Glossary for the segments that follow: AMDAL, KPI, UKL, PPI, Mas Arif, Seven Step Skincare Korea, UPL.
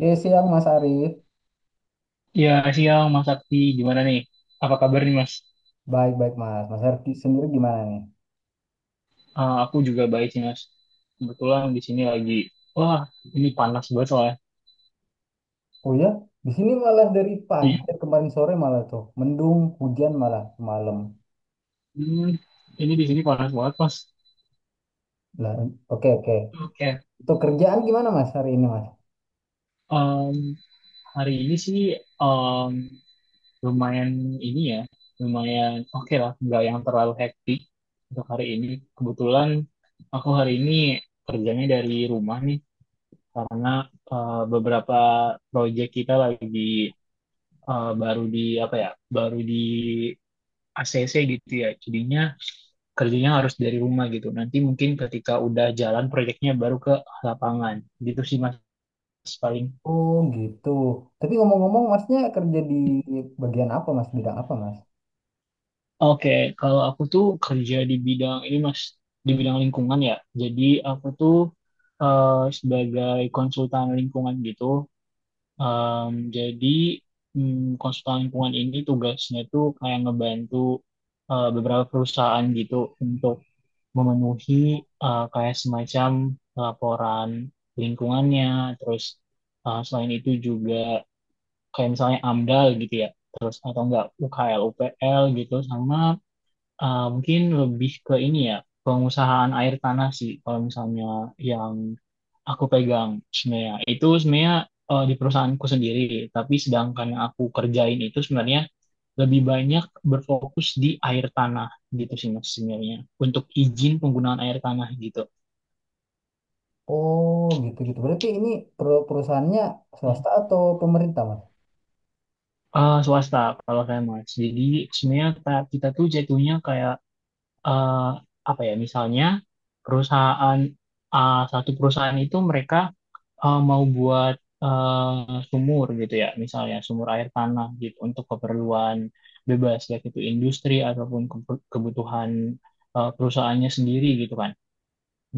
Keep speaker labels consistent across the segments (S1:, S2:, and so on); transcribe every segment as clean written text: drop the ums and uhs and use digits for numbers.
S1: Iya, siang Mas Arif.
S2: Ya, siang Mas Sakti. Gimana nih? Apa kabar nih Mas?
S1: Baik-baik Mas. Mas Arif sendiri gimana nih?
S2: Aku juga baik sih Mas. Kebetulan di sini lagi, wah ini panas banget soalnya.
S1: Oh ya, di sini malah dari pagi,
S2: Iya.
S1: dari kemarin sore malah tuh mendung, hujan malah malam.
S2: Hmm, ini di sini panas banget Mas.
S1: Lah, oke oke.
S2: Oke.
S1: Untuk kerjaan gimana Mas hari ini Mas?
S2: Em, hari ini sih em, lumayan ini ya, lumayan oke lah, nggak yang terlalu hektik untuk hari ini. Kebetulan aku hari ini kerjanya dari rumah nih, karena beberapa proyek kita lagi baru di apa ya baru di ACC gitu ya jadinya kerjanya harus dari rumah gitu, nanti mungkin ketika udah jalan proyeknya baru ke lapangan gitu sih mas paling.
S1: Oh gitu. Tapi ngomong-ngomong Masnya kerja di bagian apa Mas? Bidang apa Mas?
S2: Oke, kalau aku tuh kerja di bidang ini mas, di bidang lingkungan ya, jadi aku tuh eh, sebagai konsultan lingkungan gitu. Em, jadi konsultan lingkungan ini tugasnya tuh kayak ngebantu beberapa perusahaan gitu untuk memenuhi kayak semacam laporan lingkungannya, terus selain itu juga kayak misalnya AMDAL gitu ya, terus atau enggak UKL, UPL gitu, sama ah, mungkin lebih ke ini ya, pengusahaan air tanah sih. Kalau misalnya yang aku pegang sebenarnya itu sebenarnya di perusahaanku sendiri, tapi sedangkan yang aku kerjain itu sebenarnya lebih banyak berfokus di air tanah gitu sih mas sebenarnya, untuk izin penggunaan air tanah gitu.
S1: Oh gitu gitu. Berarti ini perusahaannya
S2: Hmm.
S1: swasta atau pemerintah Mas?
S2: Swasta kalau saya mas. Jadi sebenarnya kita tuh jatuhnya kayak eh, apa ya? Misalnya perusahaan, ah, satu perusahaan itu mereka mau buat sumur gitu ya, misalnya sumur air tanah gitu untuk keperluan bebas, baik itu industri ataupun kebutuhan perusahaannya sendiri gitu kan.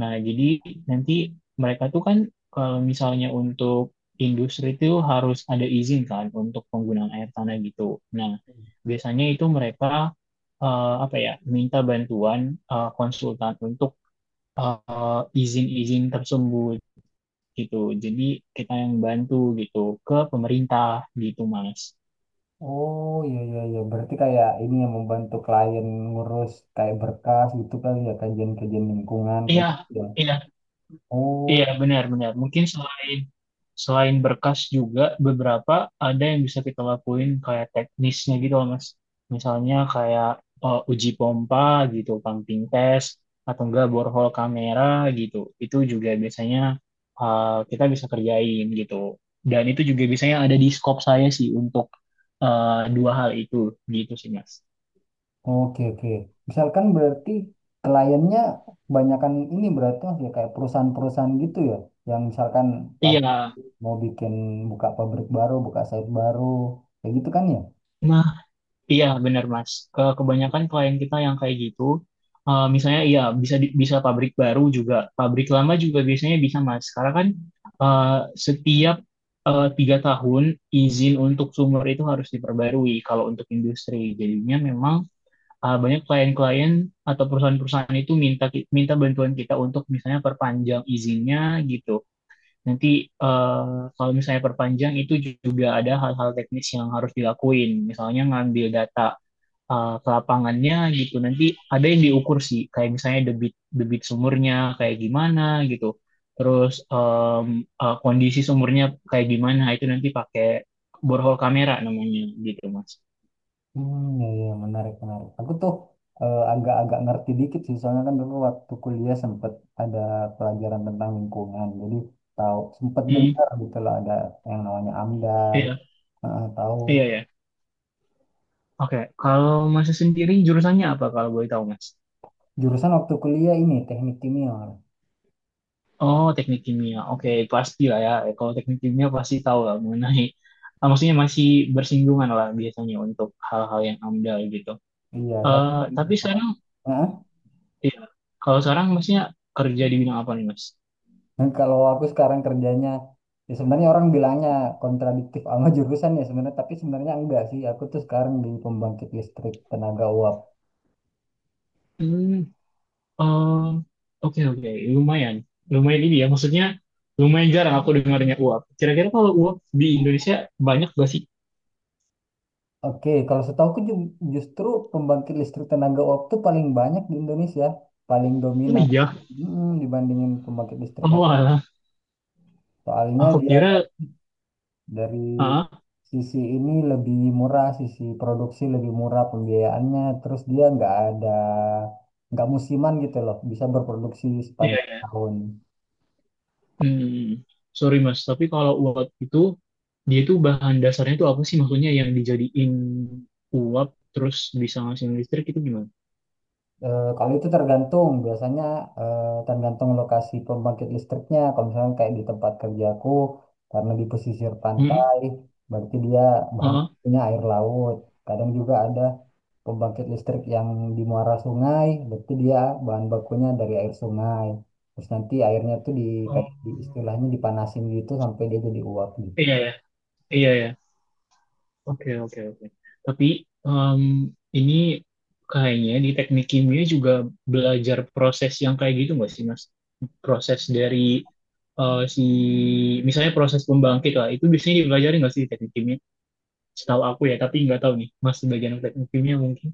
S2: Nah, jadi nanti mereka tuh kan kalau misalnya untuk industri itu harus ada izin kan untuk penggunaan air tanah gitu. Nah, biasanya itu mereka apa ya, minta bantuan konsultan untuk izin-izin tersebut gitu. Jadi kita yang bantu gitu, ke pemerintah gitu Mas.
S1: Oh iya iya iya, berarti kayak ini yang membantu klien ngurus kayak berkas gitu kali ya, kajian-kajian lingkungan kayak
S2: Iya,
S1: gitu ya.
S2: iya, iya
S1: Oh
S2: benar-benar. Mungkin selain selain berkas juga beberapa ada yang bisa kita lakuin kayak teknisnya gitu loh Mas. Misalnya kayak uji pompa gitu, pumping test atau enggak borehole kamera gitu. Itu juga biasanya eh, kita bisa kerjain gitu. Dan itu juga biasanya ada di scope saya sih untuk eh, dua hal itu gitu sih Mas.
S1: oke oke. Misalkan berarti kliennya kebanyakan ini berarti Mas, ya kayak perusahaan-perusahaan gitu ya, yang misalkan pab-
S2: Iya,
S1: mau bikin buka pabrik baru, buka site baru kayak gitu kan ya?
S2: nah, iya benar Mas. Kebanyakan klien kita yang kayak gitu, misalnya iya bisa bisa pabrik baru juga, pabrik lama juga biasanya bisa Mas. Karena kan eh, setiap 3 tahun izin untuk sumber itu harus diperbarui kalau untuk industri. Jadinya memang banyak klien-klien atau perusahaan-perusahaan itu minta minta bantuan kita untuk misalnya perpanjang izinnya gitu. Nanti eh, kalau misalnya perpanjang itu juga ada hal-hal teknis yang harus dilakuin. Misalnya ngambil data ke lapangannya gitu. Nanti ada yang diukur sih, kayak misalnya debit debit sumurnya kayak gimana gitu. Terus kondisi sumurnya kayak gimana itu nanti pakai borehole kamera namanya gitu, Mas.
S1: Hmm, iya, menarik, menarik. Aku tuh agak-agak ngerti dikit sih, soalnya kan dulu waktu kuliah sempet ada pelajaran tentang lingkungan, jadi tahu sempet
S2: Hmm,
S1: dengar gitu loh, ada yang namanya AMDAL.
S2: iya,
S1: Heeh, tahu.
S2: iya ya. Oke, kalau Mas sendiri jurusannya apa kalau boleh tahu, Mas?
S1: Jurusan waktu kuliah ini teknik kimia.
S2: Oh, teknik kimia. Oke, pasti lah ya. Kalau teknik kimia pasti tahu lah mengenai, ah, maksudnya masih bersinggungan lah biasanya untuk hal-hal yang amdal gitu.
S1: Iya,
S2: Eh,
S1: satu.
S2: tapi sekarang,
S1: Heeh.
S2: ya, kalau sekarang maksudnya kerja di bidang apa nih, Mas?
S1: Dan kalau aku sekarang kerjanya, ya sebenarnya orang bilangnya kontradiktif sama jurusan ya sebenarnya, tapi sebenarnya enggak sih. Aku tuh sekarang di pembangkit listrik tenaga uap.
S2: Hmm, eh, oke oke, lumayan, lumayan ini ya. Maksudnya lumayan jarang aku dengarnya uap. Kira-kira kalau uap di Indonesia banyak gak sih?
S1: Oke, kalau setahuku justru pembangkit listrik tenaga uap itu paling banyak di Indonesia, paling
S2: Oh
S1: dominan.
S2: iya,
S1: Mm, dibandingin pembangkit listrik yang
S2: oh alah.
S1: soalnya
S2: Aku
S1: dia
S2: kira,
S1: dari
S2: ah,
S1: sisi ini lebih murah, sisi produksi lebih murah pembiayaannya, terus dia nggak ada nggak musiman gitu loh, bisa berproduksi
S2: iya.
S1: sepanjang
S2: Iya.
S1: tahun.
S2: Hmm, sorry Mas, tapi kalau uap itu dia itu bahan dasarnya itu apa sih, maksudnya yang dijadiin uap terus bisa ngasihin listrik itu gimana?
S1: Kalau itu tergantung, biasanya tergantung lokasi pembangkit listriknya. Kalau misalnya kayak di tempat kerjaku, karena di pesisir
S2: Hmm,
S1: pantai, berarti dia bahan
S2: heeh.
S1: bakunya air laut. Kadang juga ada pembangkit listrik yang di muara sungai, berarti dia bahan bakunya dari air sungai. Terus nanti airnya tuh di kayak di
S2: Oh,
S1: istilahnya dipanasin gitu sampai dia jadi uap.
S2: iya ya, iya ya. Oke oke oke. Tapi em, ini kayaknya di teknik kimia juga belajar proses yang kayak gitu nggak sih Mas? Proses dari si misalnya proses pembangkit lah itu biasanya dipelajari nggak sih di teknik kimia? Setahu aku ya, tapi nggak tahu nih Mas, sebagian teknik kimia mungkin.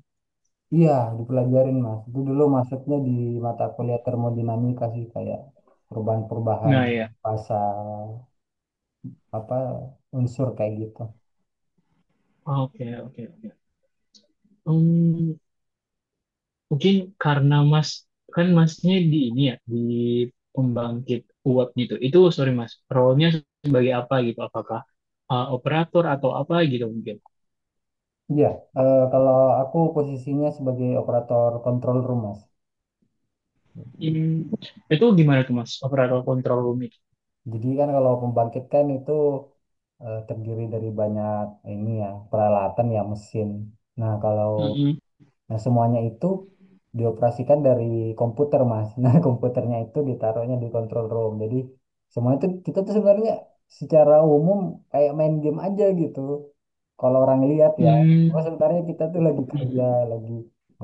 S1: Iya, dipelajarin Mas. Itu dulu masuknya di mata kuliah termodinamika sih, kayak perubahan-perubahan
S2: Nah ya,
S1: pasal apa unsur kayak gitu.
S2: oke oke oke. Hmm, mungkin karena Mas kan Masnya di ini ya, di pembangkit uap gitu. Itu sorry Mas, role-nya sebagai apa gitu? Apakah operator atau apa gitu mungkin?
S1: Iya, kalau aku posisinya sebagai operator kontrol room Mas.
S2: Hmm, Itu gimana tuh Mas, operator control room itu?
S1: Jadi kan kalau pembangkit kan itu terdiri dari banyak ini ya peralatan ya mesin. Nah, kalau
S2: Mm-mm.
S1: Nah, semuanya itu dioperasikan dari komputer, Mas. Nah, komputernya itu ditaruhnya di control room. Jadi, semua itu kita tuh sebenarnya secara umum kayak main game aja gitu. Kalau orang lihat ya, oh
S2: Hmm,
S1: sebenarnya kita tuh lagi kerja,
S2: hmm,
S1: lagi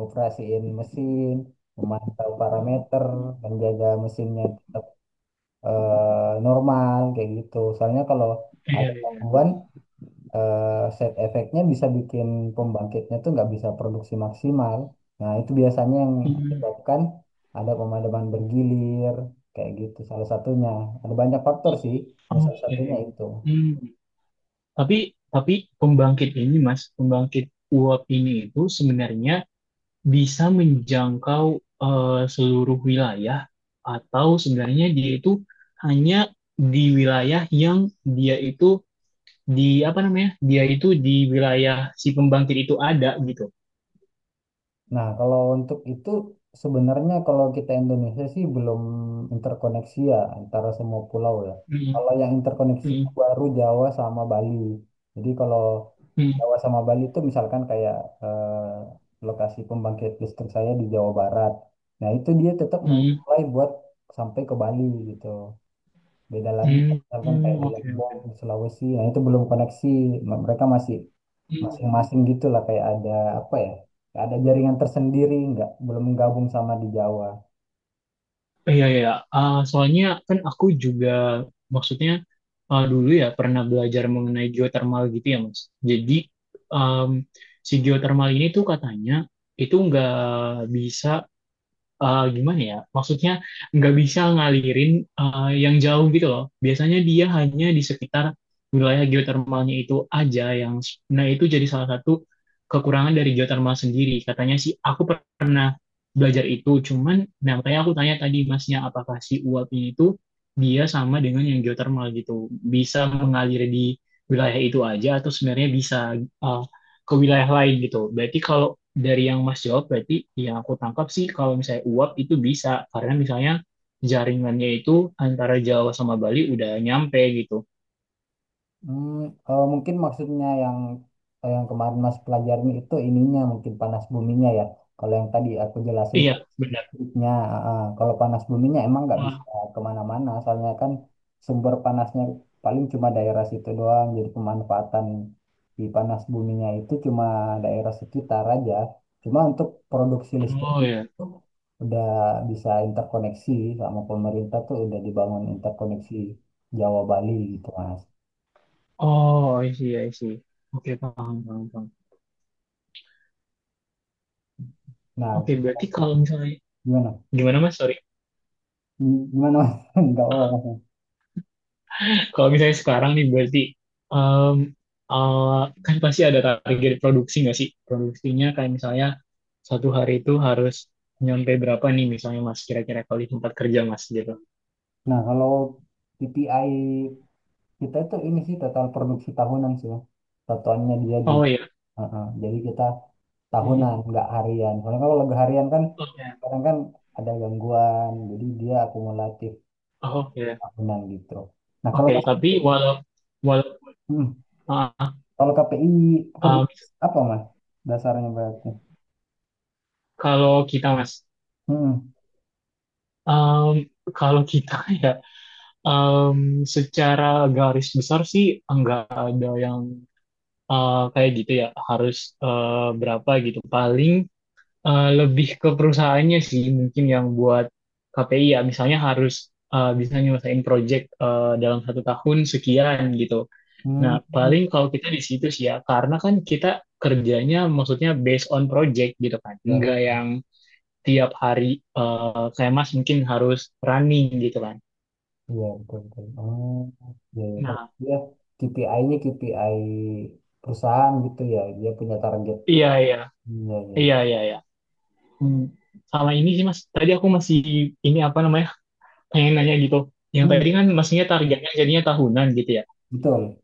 S1: operasiin mesin, memantau parameter, menjaga mesinnya tetap normal kayak gitu. Soalnya kalau
S2: iya
S1: ada
S2: iya.
S1: gangguan, side effect-nya bisa bikin pembangkitnya tuh nggak bisa produksi maksimal. Nah, itu biasanya yang
S2: Hmm,
S1: menyebabkan ada pemadaman bergilir, kayak gitu salah satunya. Ada banyak faktor sih, cuma salah
S2: oke.
S1: satunya itu.
S2: Hmm. Tapi tapi pembangkit ini Mas, pembangkit uap ini itu sebenarnya bisa menjangkau eh, seluruh wilayah atau sebenarnya dia itu hanya di wilayah yang dia itu di apa namanya dia itu di wilayah si pembangkit itu ada gitu.
S1: Nah, kalau untuk itu sebenarnya kalau kita Indonesia sih belum interkoneksi ya antara semua pulau ya.
S2: Mm,
S1: Kalau yang interkoneksi itu
S2: mm,
S1: baru Jawa sama Bali. Jadi kalau
S2: mm,
S1: Jawa sama Bali itu misalkan kayak eh, lokasi pembangkit listrik saya di Jawa Barat. Nah, itu dia tetap
S2: mm,
S1: memulai buat sampai ke Bali gitu. Beda lagi
S2: mm,
S1: misalkan kayak
S2: mm,
S1: di
S2: oke
S1: Lombok,
S2: oke.
S1: di Sulawesi, nah itu belum koneksi. Mereka masih
S2: Mm.
S1: masing-masing gitu lah kayak ada apa ya? Kayak ada jaringan tersendiri, nggak belum gabung sama di Jawa.
S2: Iya, iya. Iya. Ah, soalnya kan aku juga maksudnya ah, dulu ya pernah belajar mengenai geotermal gitu ya, Mas. Jadi em, si geotermal ini tuh katanya itu nggak bisa gimana ya? Maksudnya nggak bisa ngalirin yang jauh gitu loh. Biasanya dia hanya di sekitar wilayah geotermalnya itu aja yang nah itu jadi salah satu kekurangan dari geotermal sendiri. Katanya sih aku pernah belajar itu, cuman nah makanya aku tanya tadi masnya apakah si uap ini itu dia sama dengan yang geotermal gitu. Bisa mengalir di wilayah itu aja atau sebenarnya bisa eh, ke wilayah lain gitu. Berarti kalau dari yang Mas jawab berarti yang aku tangkap sih kalau misalnya uap itu bisa karena misalnya jaringannya itu antara Jawa sama Bali udah nyampe gitu.
S1: Hmm, mungkin maksudnya yang yang kemarin Mas pelajarin itu ininya mungkin panas buminya ya. Kalau yang tadi aku jelasin panas
S2: Iya, benar.
S1: listriknya, ah, ah, kalau panas buminya emang nggak
S2: Wah,
S1: bisa kemana-mana, soalnya kan sumber panasnya paling cuma daerah situ doang. Jadi pemanfaatan di panas buminya itu cuma daerah sekitar aja. Cuma untuk produksi
S2: oh
S1: listriknya
S2: ya.
S1: itu udah bisa interkoneksi sama pemerintah tuh udah dibangun interkoneksi Jawa Bali gitu Mas.
S2: Oh, I see, I see. Oke, paham, paham, paham.
S1: Nah,
S2: Oke, berarti kalau misalnya
S1: Gimana?
S2: gimana Mas? Sorry.
S1: Hmm, Gimana, Mas? Enggak apa-apa.
S2: Kalau misalnya sekarang nih berarti em, kan pasti ada target produksi nggak sih? Produksinya kayak misalnya 1 hari itu harus nyampe berapa nih misalnya Mas, kira-kira kalau di tempat kerja Mas gitu.
S1: Nah, kalau PPI kita itu ini sih total produksi tahunan sih. Mas. Satuannya dia di.
S2: Oh iya.
S1: Heeh. Jadi kita tahunan, enggak harian. Soalnya kalau lagu harian kan
S2: Oke,
S1: kadang kan ada gangguan, jadi dia akumulatif
S2: oh, oke,
S1: tahunan gitu. Nah, kalau
S2: oke.
S1: Mas
S2: Tapi
S1: Fikri,
S2: walau
S1: hmm,
S2: uh,
S1: kalau KPI pekerja
S2: um,
S1: apa Mas? Dasarnya berarti.
S2: kalau kita mas,
S1: Hmm.
S2: um, kalau kita ya, um, secara garis besar sih enggak ada yang kayak gitu ya, harus berapa gitu. Paling lebih ke perusahaannya sih mungkin yang buat KPI ya, misalnya harus bisa nyelesain project dalam 1 tahun sekian gitu.
S1: Hmm.
S2: Nah, paling kalau kita di situ sih ya, karena kan kita kerjanya maksudnya based on project gitu kan.
S1: Ya.
S2: Enggak yang tiap hari kayak Mas mungkin harus running gitu kan.
S1: Iya, betul, betul. Oh, iya, ya. Berarti
S2: Nah,
S1: dia KPI-nya KPI perusahaan gitu ya. Dia punya target.
S2: iya iya.
S1: Iya, iya, iya.
S2: Iya iya iya. Hmm. Sama ini sih Mas, tadi aku masih ini apa namanya? Pengen nanya gitu. Yang
S1: Hmm,
S2: tadi kan maksudnya targetnya jadinya tahunan gitu ya.
S1: betul.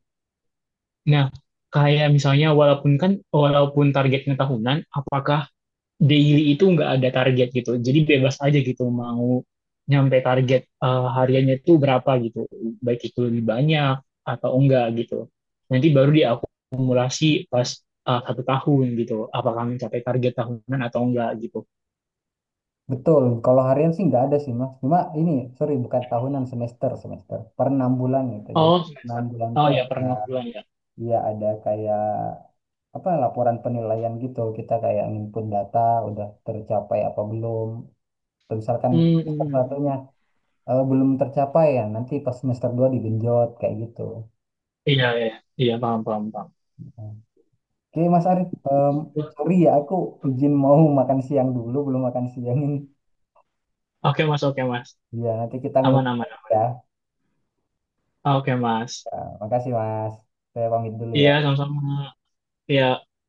S2: Nah, kayak misalnya walaupun kan walaupun targetnya tahunan, apakah daily itu nggak ada target gitu. Jadi bebas aja gitu mau nyampe target hariannya itu berapa gitu. Baik itu lebih banyak atau enggak gitu. Nanti baru diakumulasi pas 1 tahun gitu. Apakah mencapai target tahunan atau enggak gitu.
S1: Betul. Kalau harian sih nggak ada sih, Mas. Cuma ini, sorry, bukan tahunan, semester, semester. Per 6 bulan gitu. Jadi
S2: Oh
S1: enam
S2: semester.
S1: bulan
S2: Oh
S1: tuh
S2: ya
S1: ada,
S2: pernah bulan ya.
S1: ya ada kayak apa laporan penilaian gitu. Kita kayak nginput data, udah tercapai apa belum. Terus misalkan
S2: Hmm,
S1: semester
S2: hmm, hmm.
S1: satunya belum tercapai ya, nanti pas semester dua digenjot kayak gitu.
S2: Iya iya iya paham paham paham.
S1: Oke, Mas Arif, em, sorry ya, aku izin mau makan siang dulu, belum makan siang ini.
S2: Oke mas, oke mas,
S1: Ya, nanti kita
S2: aman
S1: ngobrol
S2: aman.
S1: lagi ya.
S2: Oke mas.
S1: Ya, makasih Mas. Saya pamit dulu
S2: Iya
S1: ya.
S2: sama-sama. Iya